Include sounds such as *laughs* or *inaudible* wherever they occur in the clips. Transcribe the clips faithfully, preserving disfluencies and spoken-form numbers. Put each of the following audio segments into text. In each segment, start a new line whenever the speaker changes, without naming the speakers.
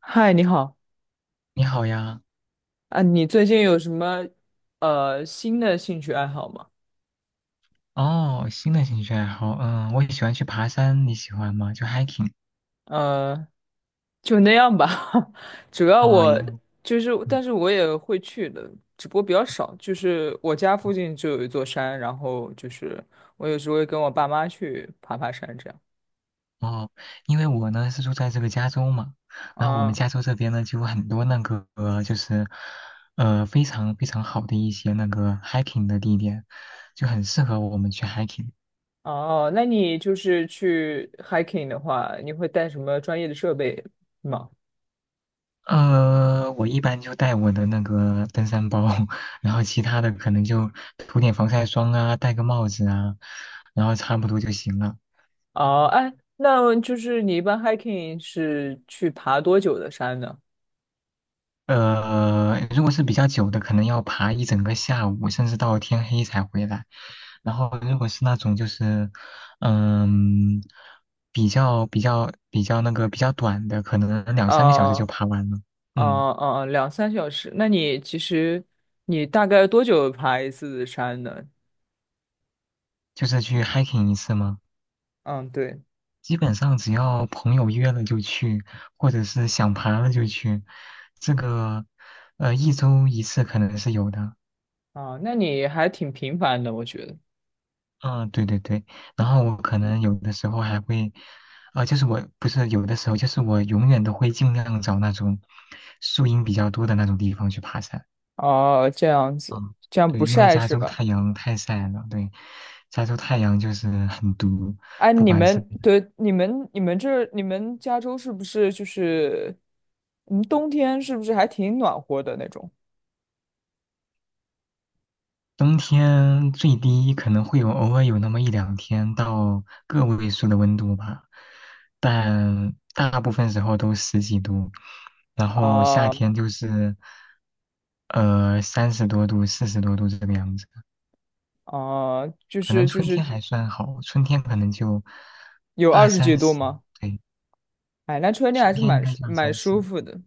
嗨，你好
你好呀，
啊，你最近有什么呃新的兴趣爱好吗？
哦，新的兴趣爱好，嗯，我也喜欢去爬山，你喜欢吗？就 hiking，
呃，就那样吧。*laughs* 主要
哦，
我
也，
就是，
嗯，
但是我也会去的，只不过比较少。就是我家附近就有一座山，然后就是我有时候会跟我爸妈去爬爬山这样。
哦，因为我呢是住在这个加州嘛，然后我们
啊，
加州这边呢就有很多那个呃就是，呃，非常非常好的一些那个 hiking 的地点，就很适合我们去 hiking。
哦，那你就是去 hiking 的话，你会带什么专业的设备吗？
呃，我一般就带我的那个登山包，*laughs* 然后其他的可能就涂点防晒霜啊，戴个帽子啊，然后差不多就行了。
哦，哎，那就是你一般 hiking 是去爬多久的山呢？
呃，如果是比较久的，可能要爬一整个下午，甚至到天黑才回来。然后，如果是那种就是，嗯，比较比较比较那个比较短的，可能两三个小时
啊。
就
哦
爬完了。
哦
嗯，
哦，两三小时。那你其实你大概多久爬一次山呢？
就是去 hiking 一次嘛，
嗯，对，
基本上只要朋友约了就去，或者是想爬了就去。这个，呃，一周一次可能是有的。
啊，那你还挺频繁的，我觉得。
啊，对对对，然后我可能有的时候还会，啊、就是我不是有的时候，就是我永远都会尽量找那种树荫比较多的那种地方去爬山。
哦，这样子，这样
对，
不
因为
晒
加
是
州
吧？
太阳太晒了，对，加州太阳就是很毒，
哎，
不
你
管是
们对你们你们这你们加州是不是就是嗯，冬天是不是还挺暖和的那种？
冬天最低可能会有偶尔有那么一两天到个位数的温度吧，但大部分时候都十几度，然后夏
啊
天就是呃三十多度、四十多度这个样子。
啊，就
可能
是就
春天
是
还算好，春天可能就
有
二
二十几
三
度
十，
吗？
对，
哎，那春天还
春
是
天应
蛮
该
舒
就二
蛮
三
舒
十。
服的。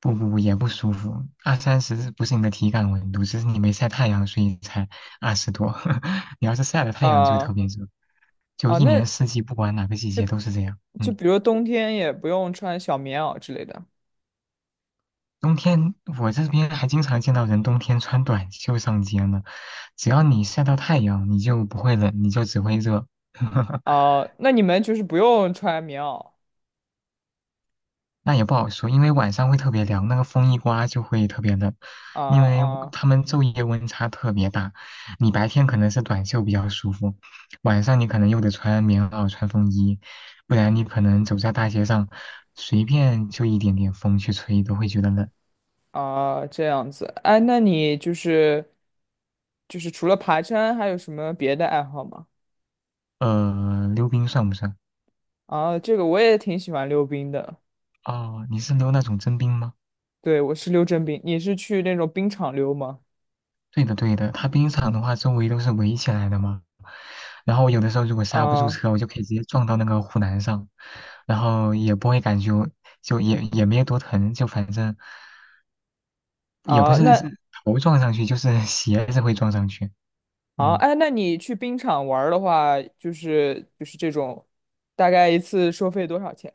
不不不，也不舒服。二三十不是你的体感温度，只是你没晒太阳，所以才二十多。*laughs* 你要是晒了太阳，就特
啊
别热。就
啊，
一年
那
四季，不管哪个季节都是这样。
就
嗯，
比如冬天也不用穿小棉袄之类的
冬天我这边还经常见到人冬天穿短袖上街呢。只要你晒到太阳，你就不会冷，你就只会热。*laughs*
啊、那你们就是不用穿棉袄
那也不好说，因为晚上会特别凉，那个风一刮就会特别冷，
啊
因为
啊
他们昼夜温差特别大。你白天可能是短袖比较舒服，晚上你可能又得穿棉袄、穿风衣，不然你可能走在大街上，随便就一点点风去吹都会觉得冷。
啊这样子。哎，那你就是就是除了爬山，还有什么别的爱好吗？
呃，溜冰算不算？
啊，这个我也挺喜欢溜冰的。
哦，你是溜那种真冰吗？
对，我是溜真冰，你是去那种冰场溜吗？
对的，对的，它冰场的话，周围都是围起来的嘛。然后有的时候如果刹不住
啊
车，我就可以直接撞到那个护栏上，然后也不会感觉就也也没有多疼，就反正也不
啊，
是是
那
头撞上去，就是 *laughs* 鞋子会撞上去。
啊
嗯，
哎，那你去冰场玩儿的话，就是就是这种，大概一次收费多少钱？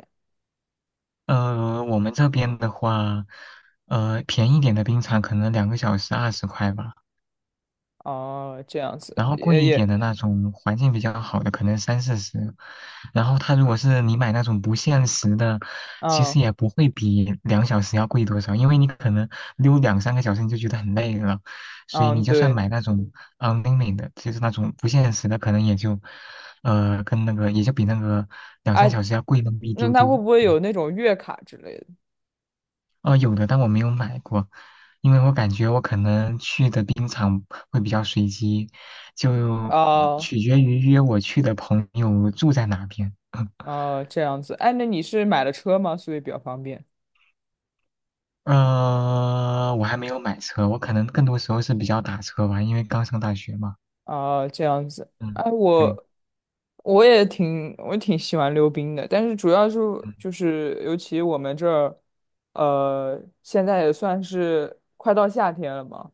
呃，我们这边的话，呃，便宜点的冰场可能两个小时二十块吧。
哦，这样子
然后贵
也
一点
也，
的那种环境比较好的，可能三四十。然后它如果是你买那种不限时的，其
嗯。
实也不会比两小时要贵多少，因为你可能溜两三个小时你就觉得很累了，所以
嗯，
你就算
对，
买那种嗯 n l i m i 就是那种不限时的，可能也就，呃，跟那个也就比那个两三
哎，
小时要贵那么一
那
丢
它
丢。
会不会有那种月卡之类的？
呃，有的，但我没有买过，因为我感觉我可能去的冰场会比较随机，就
哦，
取决于约我去的朋友住在哪边。*laughs*
哦，这样子，哎，那你是买了车吗？所以比较方便。
呃，我还没有买车，我可能更多时候是比较打车吧，因为刚上大学嘛。
哦，这样子，
嗯，
哎，
对，
我我也挺我挺喜欢溜冰的，但是主要是
嗯，
就是尤其我们这儿，呃，现在也算是快到夏天了嘛，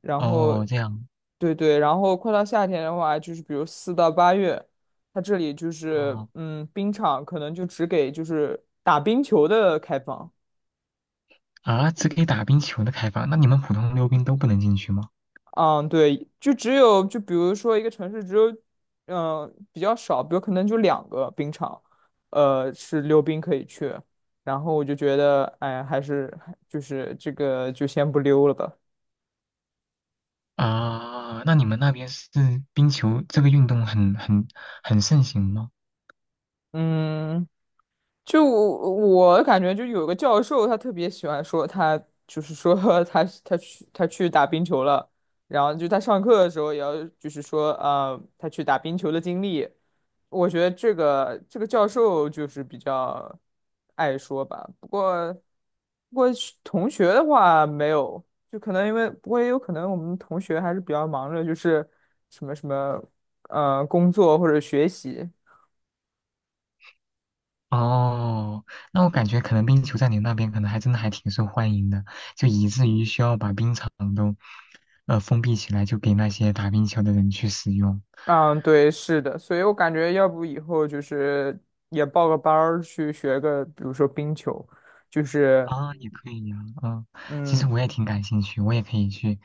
然后，
哦，这样，
对对，然后快到夏天的话，就是比如四到八月，它这里就是
哦，
嗯，冰场可能就只给就是打冰球的开放。
啊，只给打冰球的开放，那你们普通溜冰都不能进去吗？
嗯，对，就只有就比如说一个城市只有嗯、呃比较少，比如可能就两个冰场，呃是溜冰可以去。然后我就觉得，哎，还是就是这个就先不溜了吧。
啊，那你们那边是冰球这个运动很很很盛行吗？
嗯，就我感觉，就有个教授，他特别喜欢说他，就是说 *laughs* 他他去他去打冰球了，然后就他上课的时候也要就是说，呃，他去打冰球的经历。我觉得这个这个教授就是比较爱说吧，不过不过是同学的话没有，就可能因为不过也有可能我们同学还是比较忙着，就是什么什么呃工作或者学习。
哦，那我感觉可能冰球在你那边可能还真的还挺受欢迎的，就以至于需要把冰场都呃封闭起来，就给那些打冰球的人去使用。
嗯，对，是的，所以我感觉要不以后就是也报个班儿去学个，比如说冰球，就是
啊，也可以呀、嗯，其实
嗯
我也挺感兴趣，我也可以去，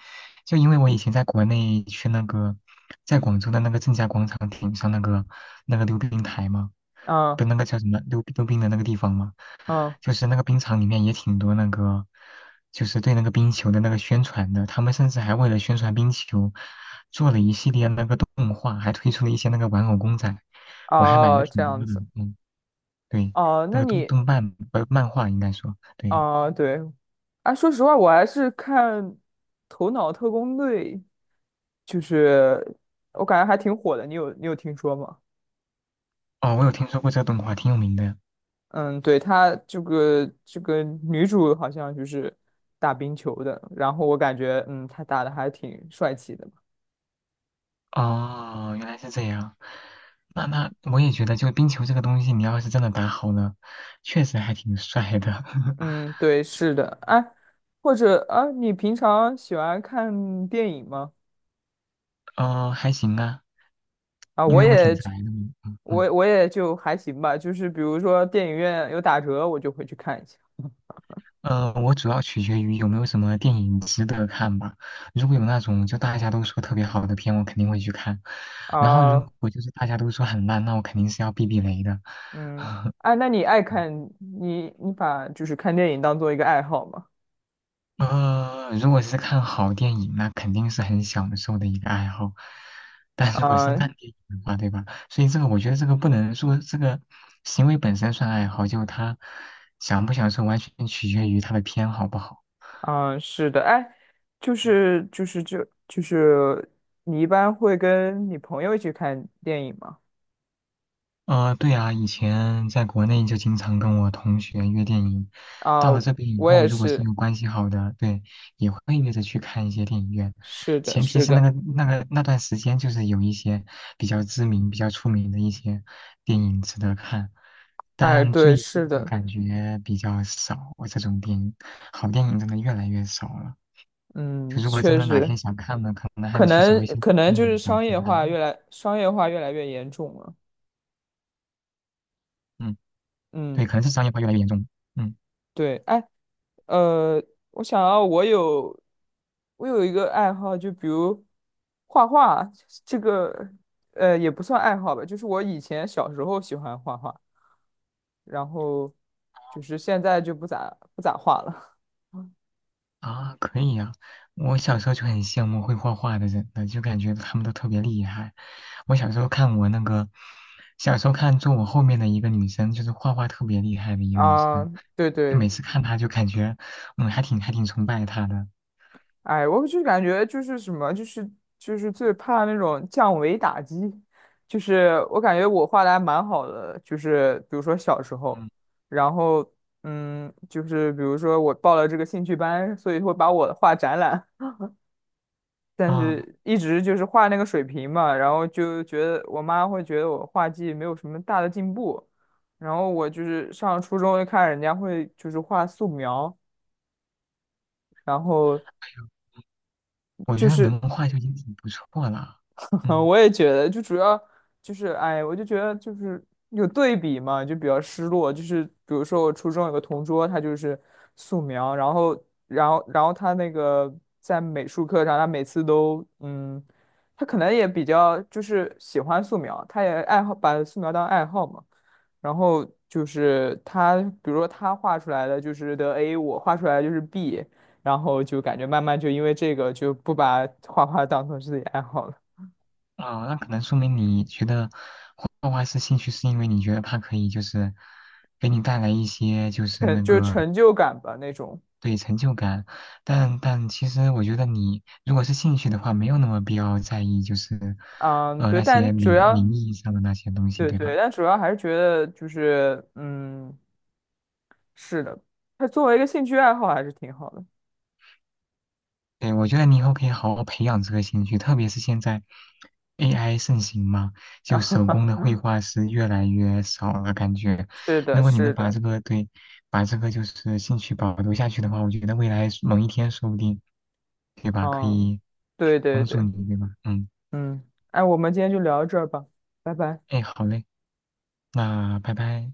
就因为我以前在国内去那个，在广州的那个正佳广场顶上那个那个溜冰台嘛，
嗯
不，那个叫什么溜溜冰的那个地方嘛，
嗯
就是那个冰场里面也挺多那个，就是对那个冰球的那个宣传的，他们甚至还为了宣传冰球，做了一系列那个动画，还推出了一些那个玩偶公仔，我还买了
哦这
挺
样
多的，
子
嗯，对，
哦，
那
那
个动
你
动漫呃漫画应该说，对，
啊，对，啊，说实话，我还是看《头脑特工队》，就是我感觉还挺火的，你有你有听说吗？
哦，我有听说过这个动画，挺有名的，
嗯，对，他这个这个女主好像就是打冰球的，然后我感觉嗯，她打的还挺帅气的。
哦，原来是这样。那那我也觉得，就冰球这个东西，你要是真的打好了，确实还挺帅的。*laughs*
嗯，对，是的，哎，或者啊，你平常喜欢看电影吗？
哦，还行啊，
啊，
因
我
为我挺
也，
宅的嘛。嗯嗯。
我我也就还行吧，就是比如说电影院有打折，我就会去看一下。
呃，我主要取决于有没有什么电影值得看吧。如果有那种就大家都说特别好的片，我肯定会去看。然后如
啊，
果就是大家都说很烂，那我肯定是要避避雷的。
嗯，
*laughs*
哎，那你爱看你你把就是看电影当做一个爱好吗？
呃，如果是看好电影，那肯定是很享受的一个爱好。但如果是
啊
烂电影的话，对吧？所以这个我觉得这个不能说这个行为本身算爱好，就他享不享受完全取决于他的偏好不好。
啊，是的，哎，就是就是就就是你一般会跟你朋友一起看电影吗？
呃，对啊，以前在国内就经常跟我同学约电影，
啊，
到了这边以
我
后，
也
如果是
是，
有关系好的，对，也会约着去看一些电影院，
是的，
前提
是
是那
的。
个那个那段时间就是有一些比较知名、比较出名的一些电影值得看，
哎，
但
对，
最
是
近就
的，
感觉比较少，这种电影，好电影真的越来越少了。就
嗯，
如果真
确
的哪天
实，
想看呢，可能还
可
得去找
能
一些
可能
电
就是
影来去
商业化
看。
越来商业化越来越严重了。
嗯，对，
嗯，
可能是商业化越来越严重。嗯。
对，哎，呃，我想要我有我有一个爱好，就比如画画，这个呃也不算爱好吧，就是我以前小时候喜欢画画，然后就是现在就不咋不咋画了。
啊，可以啊！我小时候就很羡慕会画画的人的，就感觉他们都特别厉害。我小时候看我那个，小时候看坐我后面的一个女生，就是画画特别厉害的
*laughs*
一个女
啊，
生，
对
就
对，
每次看她就感觉，嗯，还挺还挺崇拜她的。
哎，我就感觉就是什么，就是就是最怕那种降维打击，就是我感觉我画的还蛮好的，就是比如说小时候，
嗯
然后嗯，就是比如说我报了这个兴趣班，所以会把我画展览，但
啊，
是一直就是画那个水平嘛，然后就觉得我妈会觉得我画技没有什么大的进步，然后我就是上初中就看人家会就是画素描，然后。
哎呦我觉
就
得
是
能画就已经挺不错了。
嗯，*laughs*
嗯
我也觉得，就主要就是，哎，我就觉得就是有对比嘛，就比较失落。就是比如说我初中有个同桌，他就是素描，然后，然后，然后他那个在美术课上，他每次都，嗯，他可能也比较就是喜欢素描，他也爱好把素描当爱好嘛。然后就是他，比如说他画出来的就是得 A，我画出来的就是 B，然后就感觉慢慢就因为这个就不把画画当成自己爱好了。
啊，那可能说明你觉得画画是兴趣，是因为你觉得它可以就是给你带来一些就是
成
那
就是
个
成就感吧那种。
对成就感，但但其实我觉得你如果是兴趣的话，没有那么必要在意就是，
嗯，
呃
对，
那些
但主
名
要
名义上的那些东西，
对
对
对，
吧？
但主要还是觉得就是嗯，是的，它作为一个兴趣爱好还是挺好的。
对，我觉得你以后可以好好培养这个兴趣，特别是现在 A I 盛行嘛，就手工的
*laughs*
绘画是越来越少了，感觉
是的，
如果你
是
能把
的，
这个对，把这个就是兴趣保留下去的话，我觉得未来某一天说不定，对吧？可
嗯，
以
对对
帮助
对，
你，对吧？嗯，
嗯，哎，我们今天就聊到这儿吧，拜拜。
哎，好嘞，那拜拜。